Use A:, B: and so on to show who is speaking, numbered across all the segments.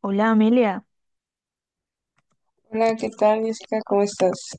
A: Hola Amelia,
B: Hola, ¿qué tal, Jessica? ¿Cómo estás?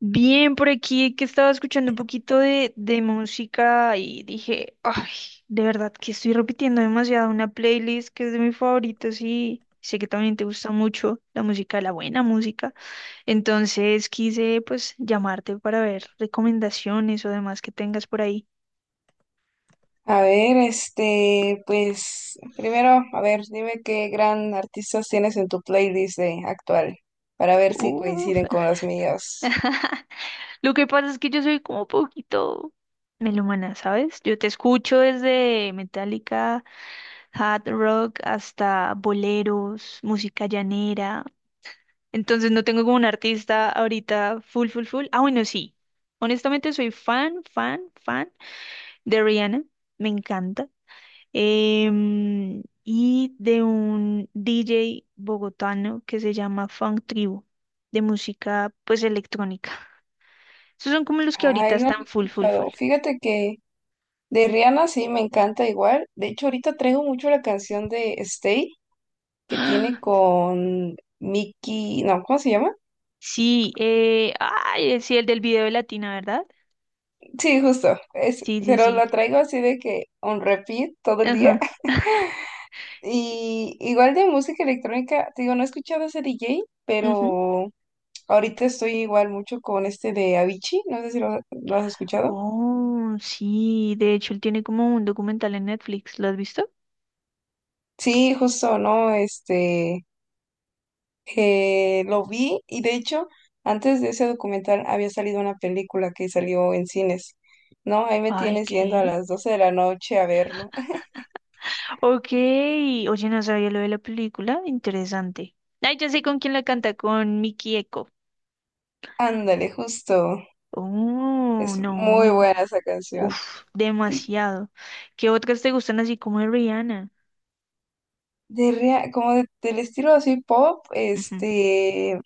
A: bien por aquí que estaba escuchando un poquito de música y dije, ay, de verdad que estoy repitiendo demasiado una playlist que es de mis favoritos y sé que también te gusta mucho la música, la buena música. Entonces quise pues llamarte para ver recomendaciones o demás que tengas por ahí.
B: A ver, este, pues, primero, a ver, dime qué gran artistas tienes en tu playlist de actual, para ver si
A: Uf.
B: coinciden con las mías.
A: Lo que pasa es que yo soy como poquito melómana, ¿sabes? Yo te escucho desde Metallica, hard rock hasta boleros, música llanera. Entonces no tengo como un artista ahorita full, full, full. Ah, bueno, sí. Honestamente soy fan, fan, fan de Rihanna. Me encanta. Y de un DJ bogotano que se llama Funk Tribu, de música pues electrónica. Esos son como los que
B: Ay,
A: ahorita
B: no lo he
A: están full, full, full.
B: escuchado. Fíjate que de Rihanna sí me encanta igual. De hecho, ahorita traigo mucho la canción de Stay, que tiene
A: ¡Ah!
B: con Mickey, no, ¿cómo se llama?
A: Sí, ay, sí, el del video de Latina, ¿verdad?
B: Sí, justo, es,
A: Sí, sí,
B: pero
A: sí.
B: la traigo así de que on repeat todo el día.
A: Ajá.
B: Y igual de música electrónica, te digo, no he escuchado ese DJ,
A: Ujú.
B: pero ahorita estoy igual mucho con este de Avicii, no sé si lo has escuchado.
A: Oh, sí, de hecho él tiene como un documental en Netflix, ¿lo has visto?
B: Sí, justo, ¿no? Este, lo vi y, de hecho, antes de ese documental había salido una película que salió en cines, ¿no? Ahí me
A: Ay,
B: tienes yendo a
A: ¿qué?
B: las 12 de la noche a verlo.
A: Ok, oye, no sabía lo de la película, interesante. Ay, ya sé con quién la canta, con Miki Eko.
B: Ándale, justo.
A: Oh,
B: Es muy
A: no,
B: buena esa canción.
A: uf,
B: Y
A: demasiado. ¿Qué otras te gustan así como de Rihanna?
B: de del estilo así pop,
A: Ujú,
B: este,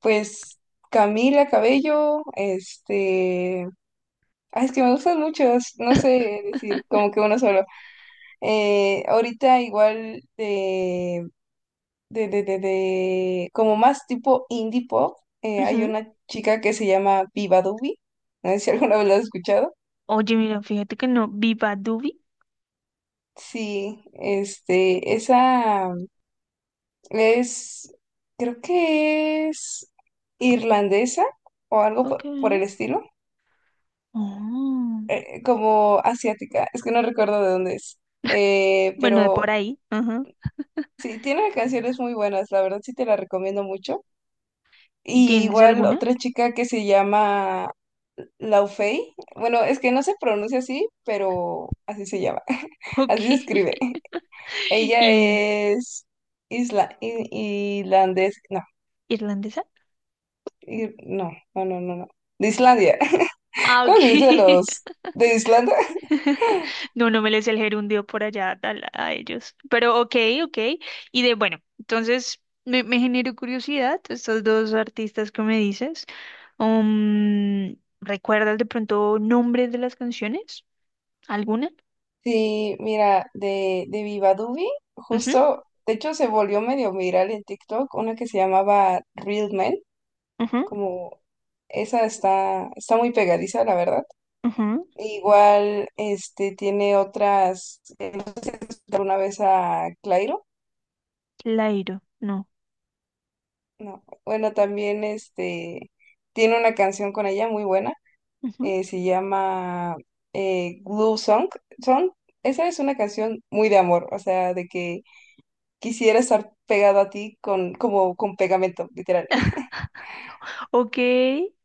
B: pues Camila Cabello, este, ay, es que me gustan muchos, no sé decir como que uno solo. Ahorita igual como más tipo indie pop, hay
A: ujú.
B: una chica que se llama Viva Dubi, no sé si alguna vez la has escuchado.
A: Oye, mira, fíjate que no, Viva Dubi.
B: Sí, este, esa es, creo que es irlandesa o algo
A: Ok.
B: por el estilo.
A: Oh,
B: Como asiática, es que no recuerdo de dónde es.
A: bueno, de por
B: Pero
A: ahí, ajá.
B: sí, tiene canciones muy buenas, la verdad, sí te la recomiendo mucho.
A: ¿Y
B: Y
A: tienes
B: igual
A: alguna?
B: otra chica que se llama Laufey, bueno, es que no se pronuncia así, pero así se llama,
A: Ok.
B: así se escribe. Ella
A: ¿Y
B: es irlandés, no,
A: irlandesa?
B: no, no, no, no, no, de Islandia.
A: Ah,
B: ¿Cómo
A: ok.
B: se dice los de Islandia?
A: No, no me les el gerundio por allá tal, a, ellos. Pero ok, ok. Y de bueno, entonces me generó curiosidad estos dos artistas que me dices. Um, ¿Recuerdas de pronto nombres de las canciones? ¿Alguna?
B: Sí, mira, de Viva Dubi,
A: Ujú,
B: justo, de hecho se volvió medio viral en TikTok, una que se llamaba Real Men,
A: ujú,
B: como esa está, está muy pegadiza, la verdad.
A: ujú.
B: Igual, este, tiene otras, no sé si has escuchado alguna vez a Clairo,
A: Lairo, no.
B: no, bueno, también, este, tiene una canción con ella muy buena,
A: Ujú.
B: se llama, Glue Song, Song, esa es una canción muy de amor, o sea, de que quisiera estar pegado a ti con, como con pegamento, literal.
A: Ok,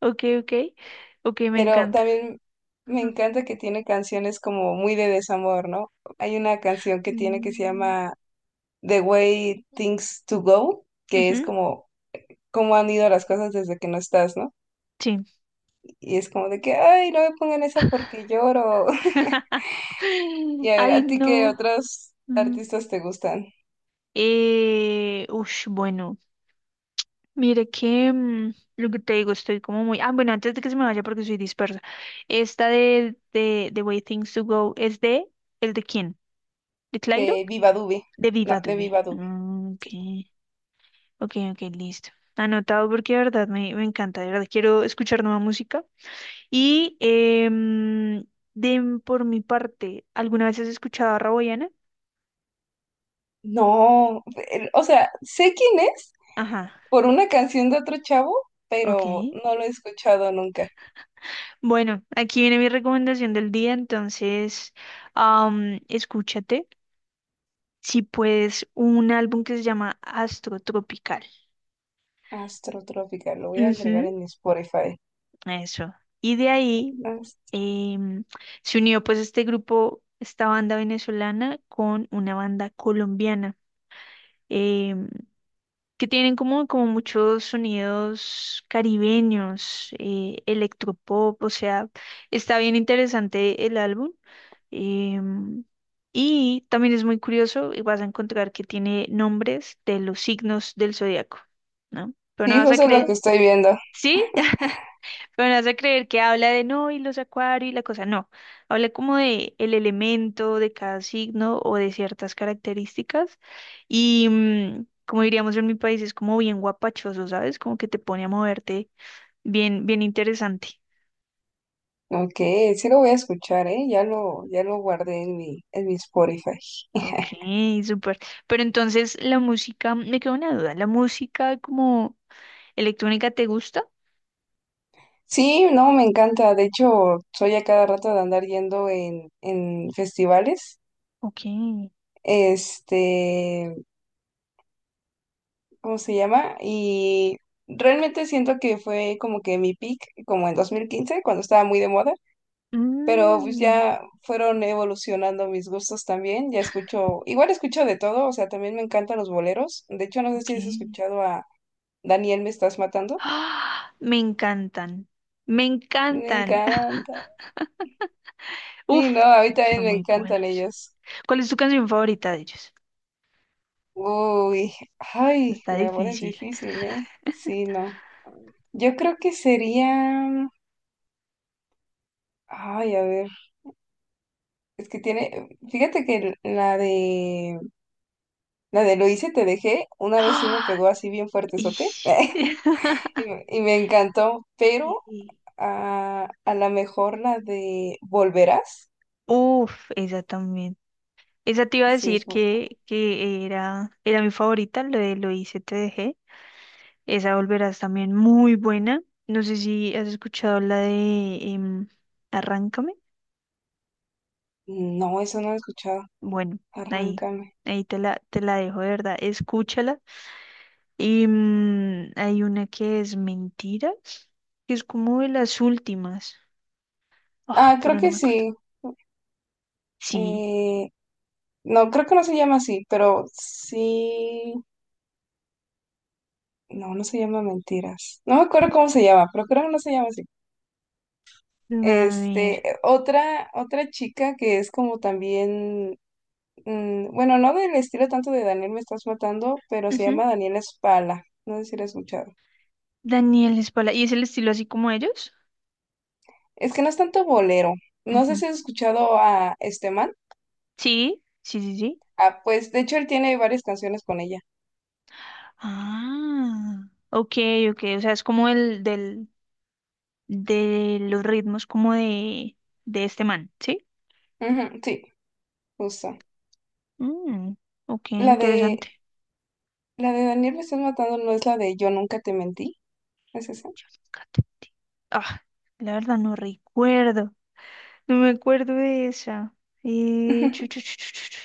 A: ok, ok. Ok, me
B: Pero
A: encanta.
B: también me
A: Ajá.
B: encanta que tiene canciones como muy de desamor, ¿no? Hay una canción que tiene que se
A: Mm,
B: llama The Way Things to Go, que es
A: ujú,
B: como cómo han ido las cosas desde que no estás, ¿no?
A: sí.
B: Y es como de que, ay, no me pongan esa porque lloro. Y a ver,
A: Ay,
B: ¿a ti qué
A: no.
B: otros
A: Ujú.
B: artistas te gustan?
A: Bueno, mire que lo que te digo, estoy como muy. Ah, bueno, antes de que se me vaya porque soy dispersa. Esta de The Way Things to Go es de ¿el de quién? ¿De Clairo?
B: De Viva Dube.
A: De Viva
B: No, de
A: Dubé.
B: Viva Dube.
A: Ah, ok, ok, ok, listo. Anotado porque de verdad me encanta, de verdad quiero escuchar nueva música. Y em, por mi parte, ¿alguna vez has escuchado a Raboyana?
B: No, pero, o sea, sé quién es,
A: Ajá,
B: por una canción de otro chavo,
A: ok.
B: pero no lo he escuchado nunca.
A: Bueno, aquí viene mi recomendación del día, entonces escúchate, si puedes, un álbum que se llama Astro Tropical.
B: Astrotrópica, lo voy a agregar
A: Ujú,
B: en mi Spotify.
A: eso. Y de ahí
B: Ast-
A: em, se unió pues este grupo, esta banda venezolana con una banda colombiana. Em, que tienen como, como muchos sonidos caribeños, electropop, o sea, está bien interesante el álbum. em, y también es muy curioso y vas a encontrar que tiene nombres de los signos del zodiaco, ¿no? Pero no
B: Sí,
A: vas a
B: justo es lo que
A: creer.
B: estoy viendo.
A: Sí, pero me hace creer que habla de no y los acuarios y la cosa. No, habla como de el elemento de cada signo o de ciertas características. Y como diríamos en mi país, es como bien guapachoso, ¿sabes? Como que te pone a moverte bien, bien interesante.
B: Ok, sí lo voy a escuchar, ¿eh? Ya lo guardé en mi Spotify.
A: Ok, súper. Pero entonces la música, me queda una duda, ¿la música como electrónica te gusta?
B: Sí, no, me encanta. De hecho, soy a cada rato de andar yendo en festivales.
A: Ok.
B: Este, ¿cómo se llama? Y realmente siento que fue como que mi peak, como en 2015, cuando estaba muy de moda, pero pues
A: Mm,
B: ya fueron evolucionando mis gustos también, ya escucho, igual escucho de todo, o sea, también me encantan los boleros. De hecho, no sé
A: ok.
B: si has escuchado a Daniel Me Estás Matando,
A: ¡Ah! Me encantan. Me
B: me
A: encantan.
B: encanta,
A: Uf,
B: sí, no, a mí también
A: son
B: me
A: muy
B: encantan
A: buenos.
B: ellos,
A: ¿Cuál es tu canción favorita de ellos?
B: uy, ay,
A: Está
B: me la pones
A: difícil.
B: difícil, ¿eh? Sí, no, yo creo que sería, ay, a ver, es que tiene, fíjate que la de Lo hice, te dejé, una vez sí me
A: ¡Ah!
B: pegó así bien fuertezote,
A: Ish.
B: y me encantó, pero
A: Sí.
B: a lo mejor la de Volverás.
A: Uf, esa también. Esa te iba a
B: Sí, es...
A: decir que era, era mi favorita, lo de Lo hice, te dejé. Esa volverás también muy buena. No sé si has escuchado la de Arráncame.
B: No, eso no lo he escuchado.
A: Bueno, ahí,
B: Arráncame.
A: ahí te la dejo, de verdad. Escúchala. Y hay una que es Mentiras, que es como de las últimas. Ah,
B: Ah, creo
A: pero no
B: que
A: me acuerdo.
B: sí.
A: Sí.
B: Eh, no, creo que no se llama así, pero sí. No, no se llama Mentiras. No me acuerdo cómo se llama, pero creo que no se llama así.
A: A ver.
B: Este, otra, otra chica que es como también, bueno, no del estilo tanto de Daniel Me Estás Matando, pero se llama
A: Ujú.
B: Daniela Spala. No sé si la has escuchado.
A: Daniel Espala. ¿Y es el estilo así como ellos?
B: Es que no es tanto bolero. No sé
A: Ujú.
B: si has escuchado a este man.
A: Sí, sí, sí, sí.
B: Ah, pues de hecho él tiene varias canciones con ella.
A: Ah, ok, ok. O sea, es como el del, de los ritmos como de este man, ¿sí?
B: Ujú, sí, justo.
A: Mm, ok,
B: La de
A: interesante.
B: la de Daniel me estás matando no es la de Yo nunca te mentí. ¿Es esa?
A: Fíjate. Ah, la verdad no recuerdo. No me acuerdo de esa. Chu, chu, chu, chu, chu, chu.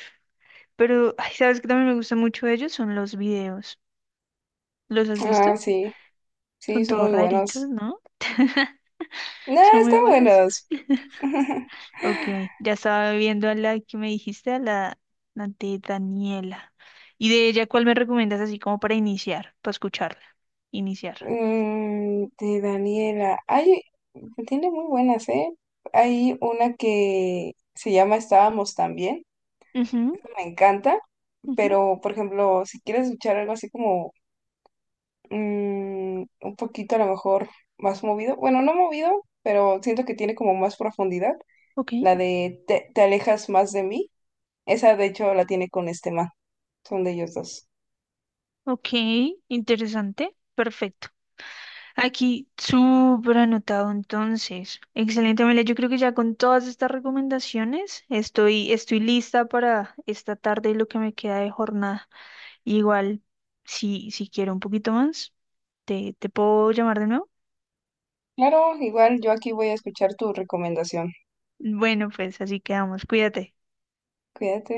A: Pero, ay, ¿sabes qué también me gusta mucho de ellos? Son los videos. ¿Los has
B: Ah,
A: visto?
B: sí. Sí,
A: Son
B: son
A: todos
B: muy
A: raritos,
B: buenos.
A: ¿no?
B: No,
A: Son muy
B: están
A: buenos.
B: buenos.
A: Ok, ya estaba viendo a la que me dijiste, a la, la de Daniela. ¿Y de ella cuál me recomiendas así como para iniciar, para escucharla? Iniciar.
B: Mm, de Daniela. Ay, tiene muy buenas, ¿eh? Hay una que se llama Estábamos también.
A: Ujú,
B: Esa me encanta.
A: ujú.
B: Pero, por ejemplo, si quieres escuchar algo así como un poquito a lo mejor más movido, bueno, no movido, pero siento que tiene como más profundidad,
A: Ok,
B: la de Te, te alejas más de mí, esa de hecho la tiene con este man, son de ellos dos.
A: ok, interesante, perfecto. Aquí, súper anotado entonces. Excelente, Amelia. Yo creo que ya con todas estas recomendaciones estoy, estoy lista para esta tarde y lo que me queda de jornada. Igual, si, si quiero un poquito más, te puedo llamar de nuevo.
B: Claro, igual yo aquí voy a escuchar tu recomendación.
A: Bueno, pues así quedamos. Cuídate.
B: Cuídate.